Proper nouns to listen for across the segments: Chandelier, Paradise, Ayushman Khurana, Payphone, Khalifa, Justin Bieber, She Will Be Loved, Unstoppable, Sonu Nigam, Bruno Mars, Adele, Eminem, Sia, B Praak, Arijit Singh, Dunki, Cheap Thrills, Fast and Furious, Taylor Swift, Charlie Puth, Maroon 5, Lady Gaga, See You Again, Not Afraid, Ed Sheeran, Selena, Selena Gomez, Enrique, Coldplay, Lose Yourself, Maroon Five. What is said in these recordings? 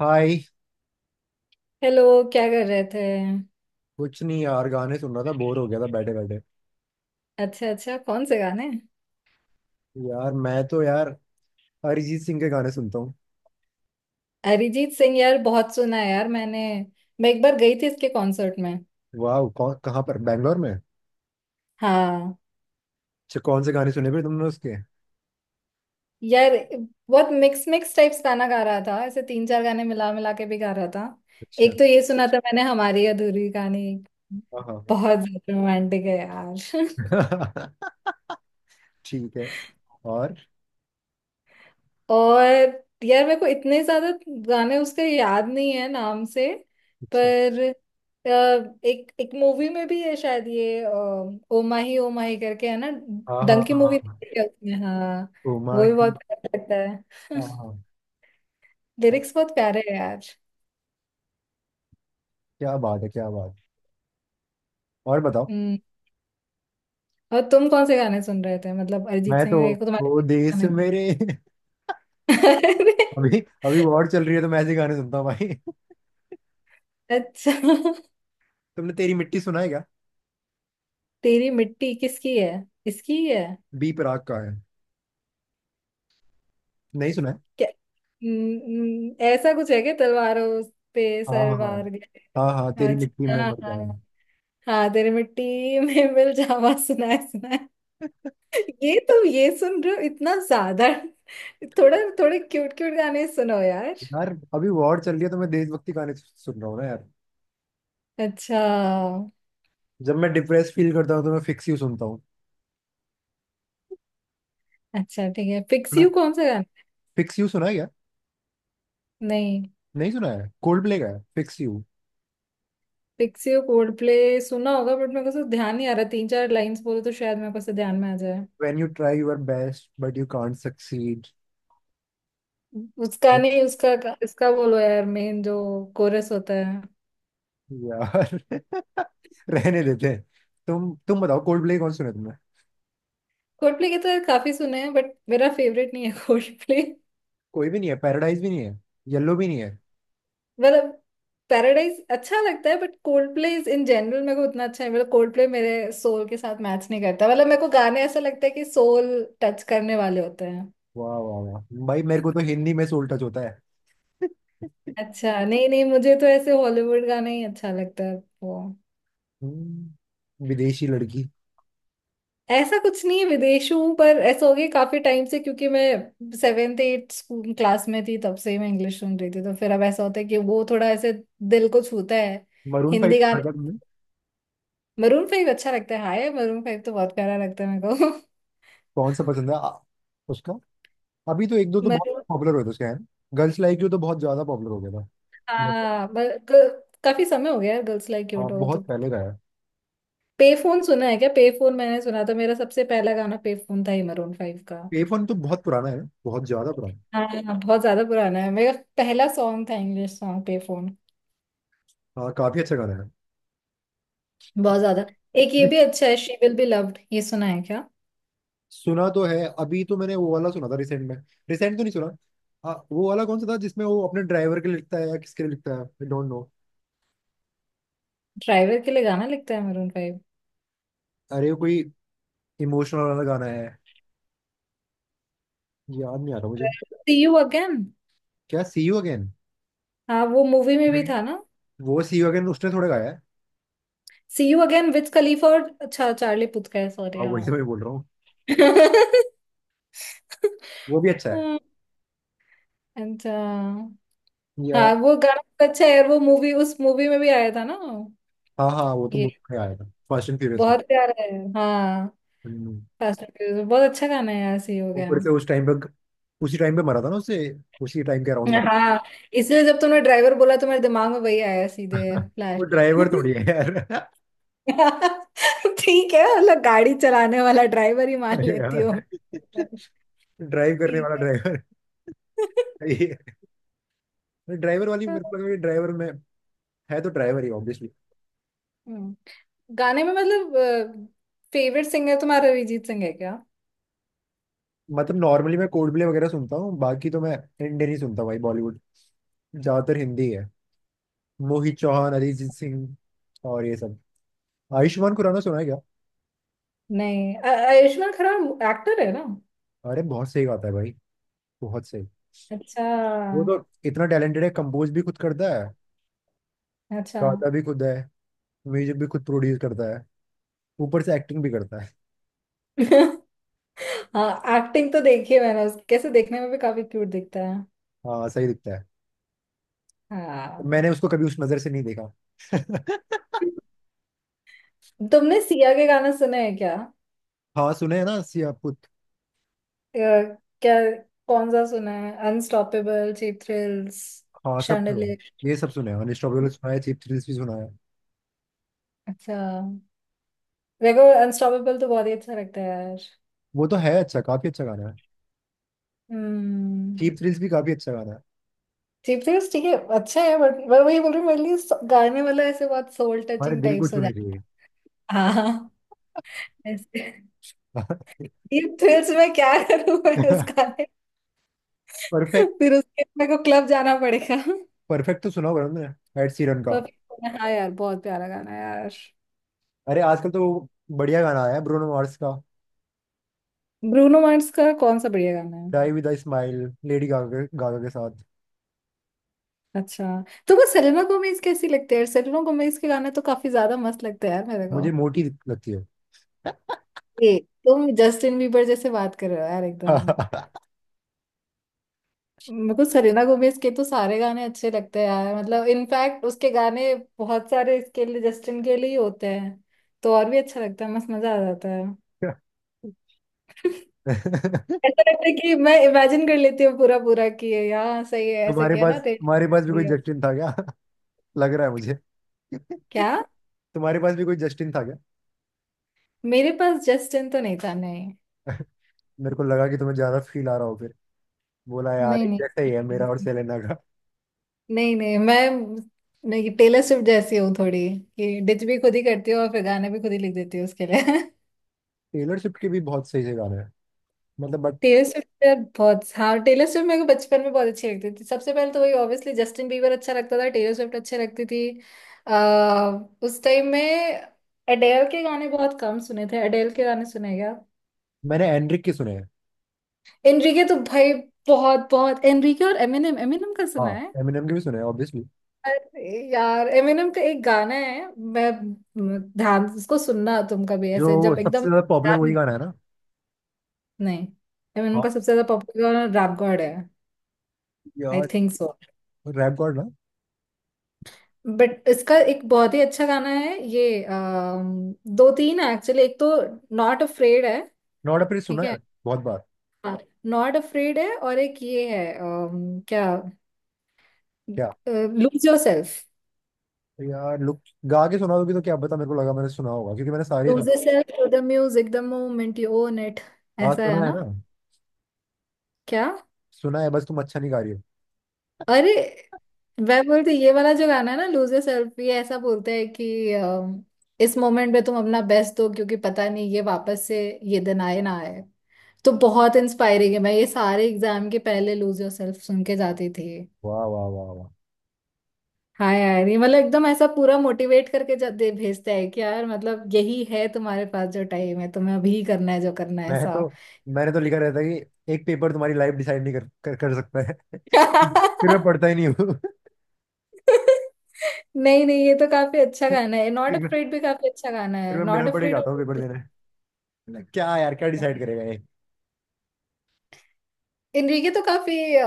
हाय। Hello. क्या कर रहे थे? कुछ नहीं यार, गाने सुन रहा था, बोर हो गया था बैठे बैठे। अच्छा अच्छा, कौन से गाने? यार मैं तो यार अरिजीत सिंह के गाने सुनता हूँ। अरिजीत सिंह, यार बहुत सुना है यार मैंने। मैं एक बार गई थी इसके कॉन्सर्ट में। वाह! कौन, कहाँ पर, बैंगलोर में? हाँ। अच्छा, कौन से गाने सुने फिर तुमने उसके? यार बहुत मिक्स मिक्स टाइप्स गाना गा रहा था, ऐसे तीन चार गाने मिला मिला के भी गा रहा था। अच्छा। एक तो ये सुना था मैंने, हमारी अधूरी कहानी। हाँ हाँ बहुत ज्यादा रोमांटिक है यार। हाँ। ठीक है। और? और यार मेरे को इतने ज्यादा गाने उसका याद नहीं है नाम से। अच्छा। पर अ, एक एक मूवी में भी है शायद, ये ओ माही करके, है ना? हाँ हाँ डंकी हाँ मूवी हाँ। देखी है उसमें, हाँ। उमा वो भी ही। बहुत प्यारा लगता है। हाँ हाँ। हाँ, लिरिक्स बहुत प्यारे हैं यार। क्या बात है, क्या बात। और बताओ। हम्म। और तुम कौन से गाने सुन रहे थे मतलब अरिजीत मैं तो सिंह को तुम्हारे वो देश गाने? मेरे। अरे। अभी अभी वॉर चल रही है तो मैं ऐसे गाने सुनता हूँ भाई। अच्छा। तुमने तेरी मिट्टी सुना है क्या? तेरी मिट्टी किसकी है? इसकी ही है? बी प्राक का है। नहीं सुना है? क्या? ऐसा कुछ है क्या, तलवारों पे हाँ हाँ हाँ सरवार गए? हाँ। हाँ, तेरी मिट्टी अच्छा में हाँ मर हाँ। जाएंगे। हाँ तेरे मिट्टी में मिल जावा, सुना है सुना है। ये तुम ये सुन रहे हो इतना ज्यादा? थोड़ा थोड़े क्यूट क्यूट गाने सुनो यार। यार, अभी वॉर चल रही है तो मैं देशभक्ति गाने सुन रहा हूँ ना यार। अच्छा। जब मैं डिप्रेस फील करता हूँ तो मैं फिक्स यू सुनता हूँ। अच्छा ठीक है, फिक्स सुना यू कौन सा गाना? फिक्स यू सुना है क्या? नहीं। नहीं सुना है? कोल्ड प्ले का है fix you. Fix you Coldplay सुना होगा, बट मेरे को तो ध्यान नहीं आ रहा। तीन चार लाइंस बोलो तो शायद मेरे को से ध्यान में आ जाए। When you try your best but you can't succeed. उसका नहीं, उसका इसका बोलो यार, मेन जो कोरस होता है। यार रहने देते हैं। तुम बताओ, कोल्ड प्ले कौन सुना है तुमने? कोल्डप्ले के तो यार काफी सुने हैं, बट मेरा फेवरेट नहीं है कोल्डप्ले। कोई भी नहीं है? पैराडाइज भी नहीं है? येलो भी नहीं है? मतलब पैराडाइज अच्छा लगता है, but Coldplay is in general मेरे को उतना अच्छा है। मतलब कोल्डप्ले मेरे सोल के साथ मैच नहीं करता। मतलब मेरे को गाने ऐसा लगता है कि सोल टच करने वाले होते हैं। वाह वाह वाह! भाई मेरे को तो हिंदी में सोल टच होता है। अच्छा। नहीं नहीं, मुझे तो ऐसे हॉलीवुड गाना ही अच्छा लगता है वो। विदेशी लड़की। ऐसा कुछ नहीं है विदेशी हूँ, पर ऐसा हो गया काफी टाइम से, क्योंकि मैं सेवेंथ एट स्कूल क्लास में थी, तब से ही मैं इंग्लिश सुन रही थी, तो फिर अब ऐसा होता है कि वो थोड़ा ऐसे दिल को छूता है। मरून फाइव हिंदी सुना है क्या गाने। तुमने? मरून फाइव अच्छा लगता है, हाय मरून फाइव तो बहुत प्यारा लगता है मेरे को। कौन सा पसंद है उसका? अभी तो एक दो तो बहुत मरून। पॉपुलर हुए थे उसके हैं। गर्ल्स लाइक यू तो बहुत ज्यादा पॉपुलर हो गया था। बहुत-। हाँ ब- काफी समय हो गया यार, गर्ल्स लाइक हाँ, क्यूट हो तो। बहुत पहले का है। पे फोन सुना है क्या? पे फोन मैंने सुना था, मेरा सबसे पहला गाना पे फोन था ही मरून फाइव का। पे तो बहुत पुराना है, बहुत ज्यादा पुराना। हाँ हाँ, बहुत ज्यादा पुराना है। मेरा पहला सॉन्ग था इंग्लिश सॉन्ग पे फोन। हाँ, काफी अच्छा गाना है। बहुत ज्यादा। एक ये अभी भी अच्छा है, शी विल बी लव्ड, ये सुना है क्या? सुना तो है, अभी तो मैंने वो वाला सुना था रिसेंट में। रिसेंट तो नहीं सुना। हाँ वो वाला कौन सा था जिसमें वो अपने ड्राइवर के लिए लिखता है या किसके लिए लिखता है, आई डोंट नो। ड्राइवर के लिए गाना लिखता है मरून फाइव? अरे वो कोई इमोशनल वाला गाना है। याद नहीं आ रहा मुझे। See you again. क्या, सी यू अगेन? हाँ वो मूवी में भी नहीं, था ना। वो सी यू अगेन उसने थोड़ा गाया है। See you again Wiz Khalifa, और अच्छा चार्ली पुथ का है, सॉरी, हाँ वही तो हाँ। मैं बोल रहा हूँ। वो भी अच्छा है। हाँ। अच्छा। या हाँ वो गाना बहुत अच्छा है, और वो मूवी, उस मूवी में भी आया था ना हाँ हाँ, वो तो ये, बुक में आया था, फास्ट एंड फ्यूरियस में। बहुत प्यारा है। हाँ। हम्म, फास्ट एंड फ्यूरियस, बहुत अच्छा गाना है यार, सी हो गया। ऊपर से उस टाइम पे, उसी टाइम पे मरा था ना उससे। उसी टाइम के अराउंड मैं मरा हाँ, इसलिए जब तुमने ड्राइवर बोला तो मेरे दिमाग में वही आया सीधे था। वो फ्लैश। ड्राइवर थोड़ी है यार। ठीक है, मतलब गाड़ी चलाने वाला ड्राइवर ही मान अरे लेती यार, हूँ। ड्राइव करने ठीक वाला है। ड्राइवर। ड्राइवर वाली मेरे को लगा कि ड्राइवर में है तो ड्राइवर ही ऑब्वियसली। हम्म। गाने में मतलब फेवरेट सिंगर तुम्हारा अरिजीत सिंह है? मतलब नॉर्मली मैं कोल्ड प्ले वगैरह सुनता हूँ, बाकी तो मैं इंडियन ही सुनता हूँ भाई, बॉलीवुड, ज्यादातर हिंदी है। मोहित चौहान, अरिजीत सिंह और ये सब। आयुष्मान खुराना सुना है क्या? नहीं आयुष्मान खुराना एक्टर है ना? अरे बहुत सही गाता है भाई, बहुत सही। अच्छा। वो तो इतना टैलेंटेड है, कंपोज भी खुद करता है, अच्छा। गाता भी खुद है, म्यूजिक भी खुद प्रोड्यूस करता है, ऊपर से एक्टिंग भी करता है। हाँ एक्टिंग तो देखी है मैंने उस, कैसे देखने में भी काफी क्यूट दिखता है। हाँ सही दिखता है। हाँ। मैंने उसको कभी उस नजर से नहीं देखा। तुमने सिया के गाने सुने हैं क्या? हाँ सुने है ना, सियापुत। अ, क्या? कौन सा सुना है, अनस्टॉपेबल, चीप थ्रिल्स, हाँ सब सुने। शैंडलियर? ये सब सुने हैं, अनस्टॉपेबल सुना है, चीप थ्रिल्स भी सुना है। अच्छा। देखो अनस्टॉपेबल तो बहुत ही अच्छा लगता है यार। वो तो है अच्छा, काफी अच्छा गाना है। हम्म। चीप थ्रिल्स भी काफी अच्छा गाना है। चीप थ्रिल्स ठीक है, अच्छा है, बट मैं वही बोल रही हूँ मेरे लिए गाने वाला ऐसे बहुत सोल हमारे टचिंग दिल को टाइप्स हो छूने जाता है। हाँ ऐसे। चाहिए। ये थ्रिल्स में क्या करूँ मैं उसका, परफेक्ट। फिर उसके मेरे को क्लब जाना पड़ेगा। परफेक्ट तो सुना होगा ना, एड सीरन का। पर हाँ यार बहुत प्यारा गाना है यार। अरे आजकल तो बढ़िया गाना आया है ब्रूनो मार्स का, ब्रूनो मार्स का कौन सा बढ़िया गाना है? Die with a smile, Lady Gaga Gaga के साथ। अच्छा। तुमको सेलेना गोमेज कैसी लगती है? सेलेना गोमेज के गाने तो काफी ज्यादा मस्त लगते हैं यार मेरे को। मुझे मोटी लगती हो। ए, तुम जस्टिन बीबर जैसे बात कर रहे हो यार एकदम। मेरे को सेलेना गोमेज के तो सारे गाने अच्छे लगते हैं यार, मतलब इनफैक्ट उसके गाने बहुत सारे इसके लिए, जस्टिन के लिए ही होते हैं, तो और भी अच्छा लगता है, मस्त मजा आ जाता है। तुम्हारे ऐसा लगता है कि मैं इमेजिन कर लेती हूँ पूरा पूरा कि ये यहाँ सही है, ऐसा किया पास ना तेरे। तुम्हारे पास भी कोई जस्टिन था क्या? लग रहा है मुझे। क्या? तुम्हारे पास भी कोई जस्टिन था क्या? मेरे पास जस्टिन तो नहीं था, नहीं। मेरे को लगा कि तुम्हें ज्यादा फील आ रहा हो, फिर बोला यार नहीं एक नहीं जैसा ही है मेरा और सेलेना का। नहीं नहीं मैं नहीं, टेलर स्विफ्ट जैसी हूँ थोड़ी, कि डिच भी खुद ही करती हूँ और फिर गाने भी खुद ही लिख देती हूँ उसके लिए। टेलर स्विफ्ट के भी बहुत सही से गाने हैं, मतलब, बट। टेलर स्विफ्ट यार बहुत, हाँ टेलर स्विफ्ट मेरे को बचपन में बहुत अच्छी लगती थी। सबसे पहले तो वही ऑब्वियसली, जस्टिन बीबर अच्छा लगता था, टेलर स्विफ्ट अच्छी लगती थी आ, उस टाइम में। एडेल के गाने बहुत कम सुने थे, एडेल के गाने सुने क्या? मैंने एनड्रिक के सुने हैं। एनरिके तो भाई बहुत, बहुत एनरिके। और एमिनेम, एमिनेम का सुना हाँ है? एमिनेम के भी सुने हैं ऑब्वियसली। अरे यार एमिनेम का एक गाना है, ध्यान से उसको सुनना तुम कभी, जो ऐसे वो जब एकदम। सबसे ज्यादा पॉपुलर वही गाना है ना? नहीं, एमिनेम हाँ का सबसे ज्यादा पॉपुलर गाना रैप गॉड है। आई यार, थिंक सो। रैप गॉड ना। बट इसका एक बहुत ही अच्छा गाना है ये, दो तीन है एक्चुअली। एक तो नॉट अफ्रेड है। नॉट अपनी सुना ठीक है। है, बहुत बार। नॉट अफ्रेड है, और एक ये है, क्या, क्या लूज योर सेल्फ। यार, लुक, गा के सुना दोगे तो क्या पता, मेरे को लगा मैंने सुना होगा क्योंकि मैंने सारे। Lose yourself to the music, the moment you own it, हाँ ऐसा है सुना है ना? ना। क्या? सुना है, बस तुम अच्छा नहीं गा रही हो। अरे वह बोलती, ये वाला जो गाना है ना, लूज yourself, ये ऐसा बोलता है कि इस मोमेंट में तुम अपना बेस्ट दो, क्योंकि पता नहीं ये वापस से, ये दिन आए ना आए। तो बहुत इंस्पायरिंग है, मैं ये सारे एग्जाम के पहले लूज योरसेल्फ सुन के जाती थी। वाह वाह वाह वाह! हाँ यार ये मतलब एकदम ऐसा पूरा मोटिवेट करके दे भेजता है कि यार मतलब यही है, तुम्हारे पास जो टाइम है तुम्हें अभी ही करना है जो करना है। मैं तो मैंने तो लिखा रहता है कि एक पेपर तुम्हारी लाइफ डिसाइड नहीं कर, कर कर सकता है। ऐसा। फिर मैं पढ़ता ही नहीं हूँ। नहीं नहीं, ये तो काफी अच्छा गाना है, नॉट फिर मैं अफ्रेड भी काफी अच्छा गाना फिर है, मैं बिना नॉट पढ़े अफ्रेड। जाता हूँ और पेपर देने। मतलब क्या यार, क्या डिसाइड करेगा ये। इनरिके तो काफी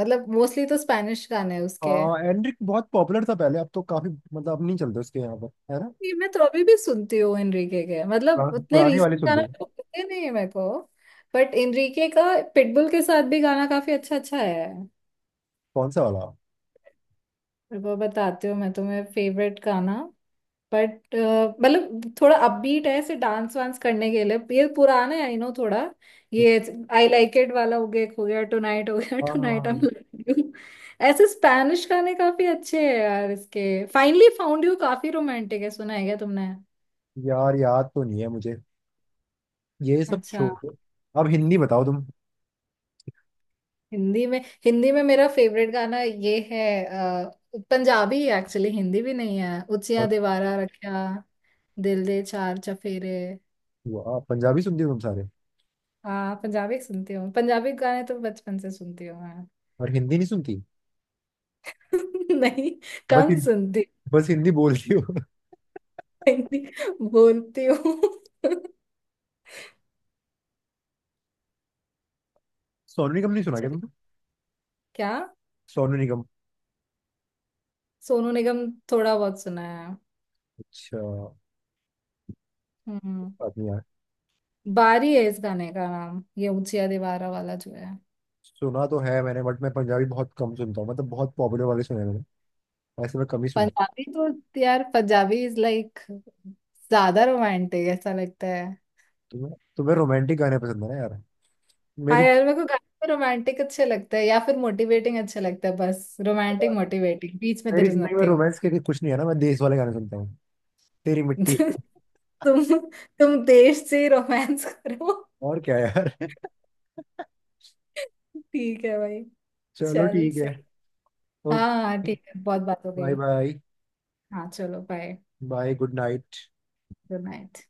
मतलब मोस्टली तो स्पैनिश गाने हैं उसके। हाँ एनरिक बहुत पॉपुलर था पहले, अब तो काफी, मतलब अब नहीं चलते उसके यहाँ पर, है ना? ये मैं तो अभी भी सुनती हूँ इनरिके के, मतलब उतने पुराने वाले रीसेंट सुन गाना लो। तो पता नहीं है मेरे को, बट इनरिके का पिटबुल के साथ भी गाना काफी अच्छा अच्छा है। कौन सा वाला? मेरे को बताती हूँ मैं तुम्हें फेवरेट गाना, बट मतलब थोड़ा अपबीट है ऐसे डांस वांस करने के लिए। ये पुराना है आई नो थोड़ा, ये आई लाइक इट वाला हो गया, एक हो गया टुनाइट हो गया, हाँ हाँ टुनाइट हाँ। I love you. ऐसे स्पैनिश गाने काफी अच्छे हैं यार इसके। फाइनली फाउंड यू काफी रोमांटिक है, सुना है क्या तुमने? यार याद तो नहीं है मुझे। ये सब अच्छा। छोड़, अब हिंदी बताओ तुम। हिंदी में, हिंदी में मेरा फेवरेट गाना ये है पंजाबी एक्चुअली, हिंदी भी नहीं है, उचिया और? दीवारा रखा दिल दे चार चफेरे। वाह, पंजाबी सुनती हो तुम सारे! हाँ पंजाबी सुनती हूँ, पंजाबी गाने तो बचपन से सुनती हूँ। और हिंदी नहीं सुनती? नहीं, बस कम सुनती हूँ। बस हिंदी बोलती हो। हिंदी बोलती हूँ। सोनू निगम नहीं सुना चल, क्या तुमने? क्या? सोनू निगम, सोनू निगम? थोड़ा बहुत सुना है। अच्छा हम्म। आदमी यार। बारी है इस गाने का नाम, ये ऊंचिया दीवारा वाला जो है। सुना तो है मैंने, बट मैं पंजाबी बहुत कम सुनता हूँ, मतलब बहुत पॉपुलर वाले सुने हैं मैंने, ऐसे मैं कम ही सुनता पंजाबी तो यार पंजाबी इज लाइक ज्यादा रोमांटिक ऐसा लगता है। हूँ। तुम्हें तुम्हें रोमांटिक गाने पसंद है ना यार? हाँ मेरी यार मेरे को गाने रोमांटिक अच्छे लगते हैं या फिर मोटिवेटिंग अच्छे लगते हैं, बस रोमांटिक मोटिवेटिंग बीच में मेरी देर इज जिंदगी में नथिंग। रोमांस के कुछ नहीं है ना, मैं देश वाले गाने सुनता हूँ, तेरी मिट्टी। तुम तुम देश से रोमांस करो। और क्या यार। ठीक है भाई, चलो चल ठीक है। सही। हाँ हाँ ओके। ठीक है, बहुत बात हो बाय गई। बाय। हाँ चलो bye, bye, good night. Good night.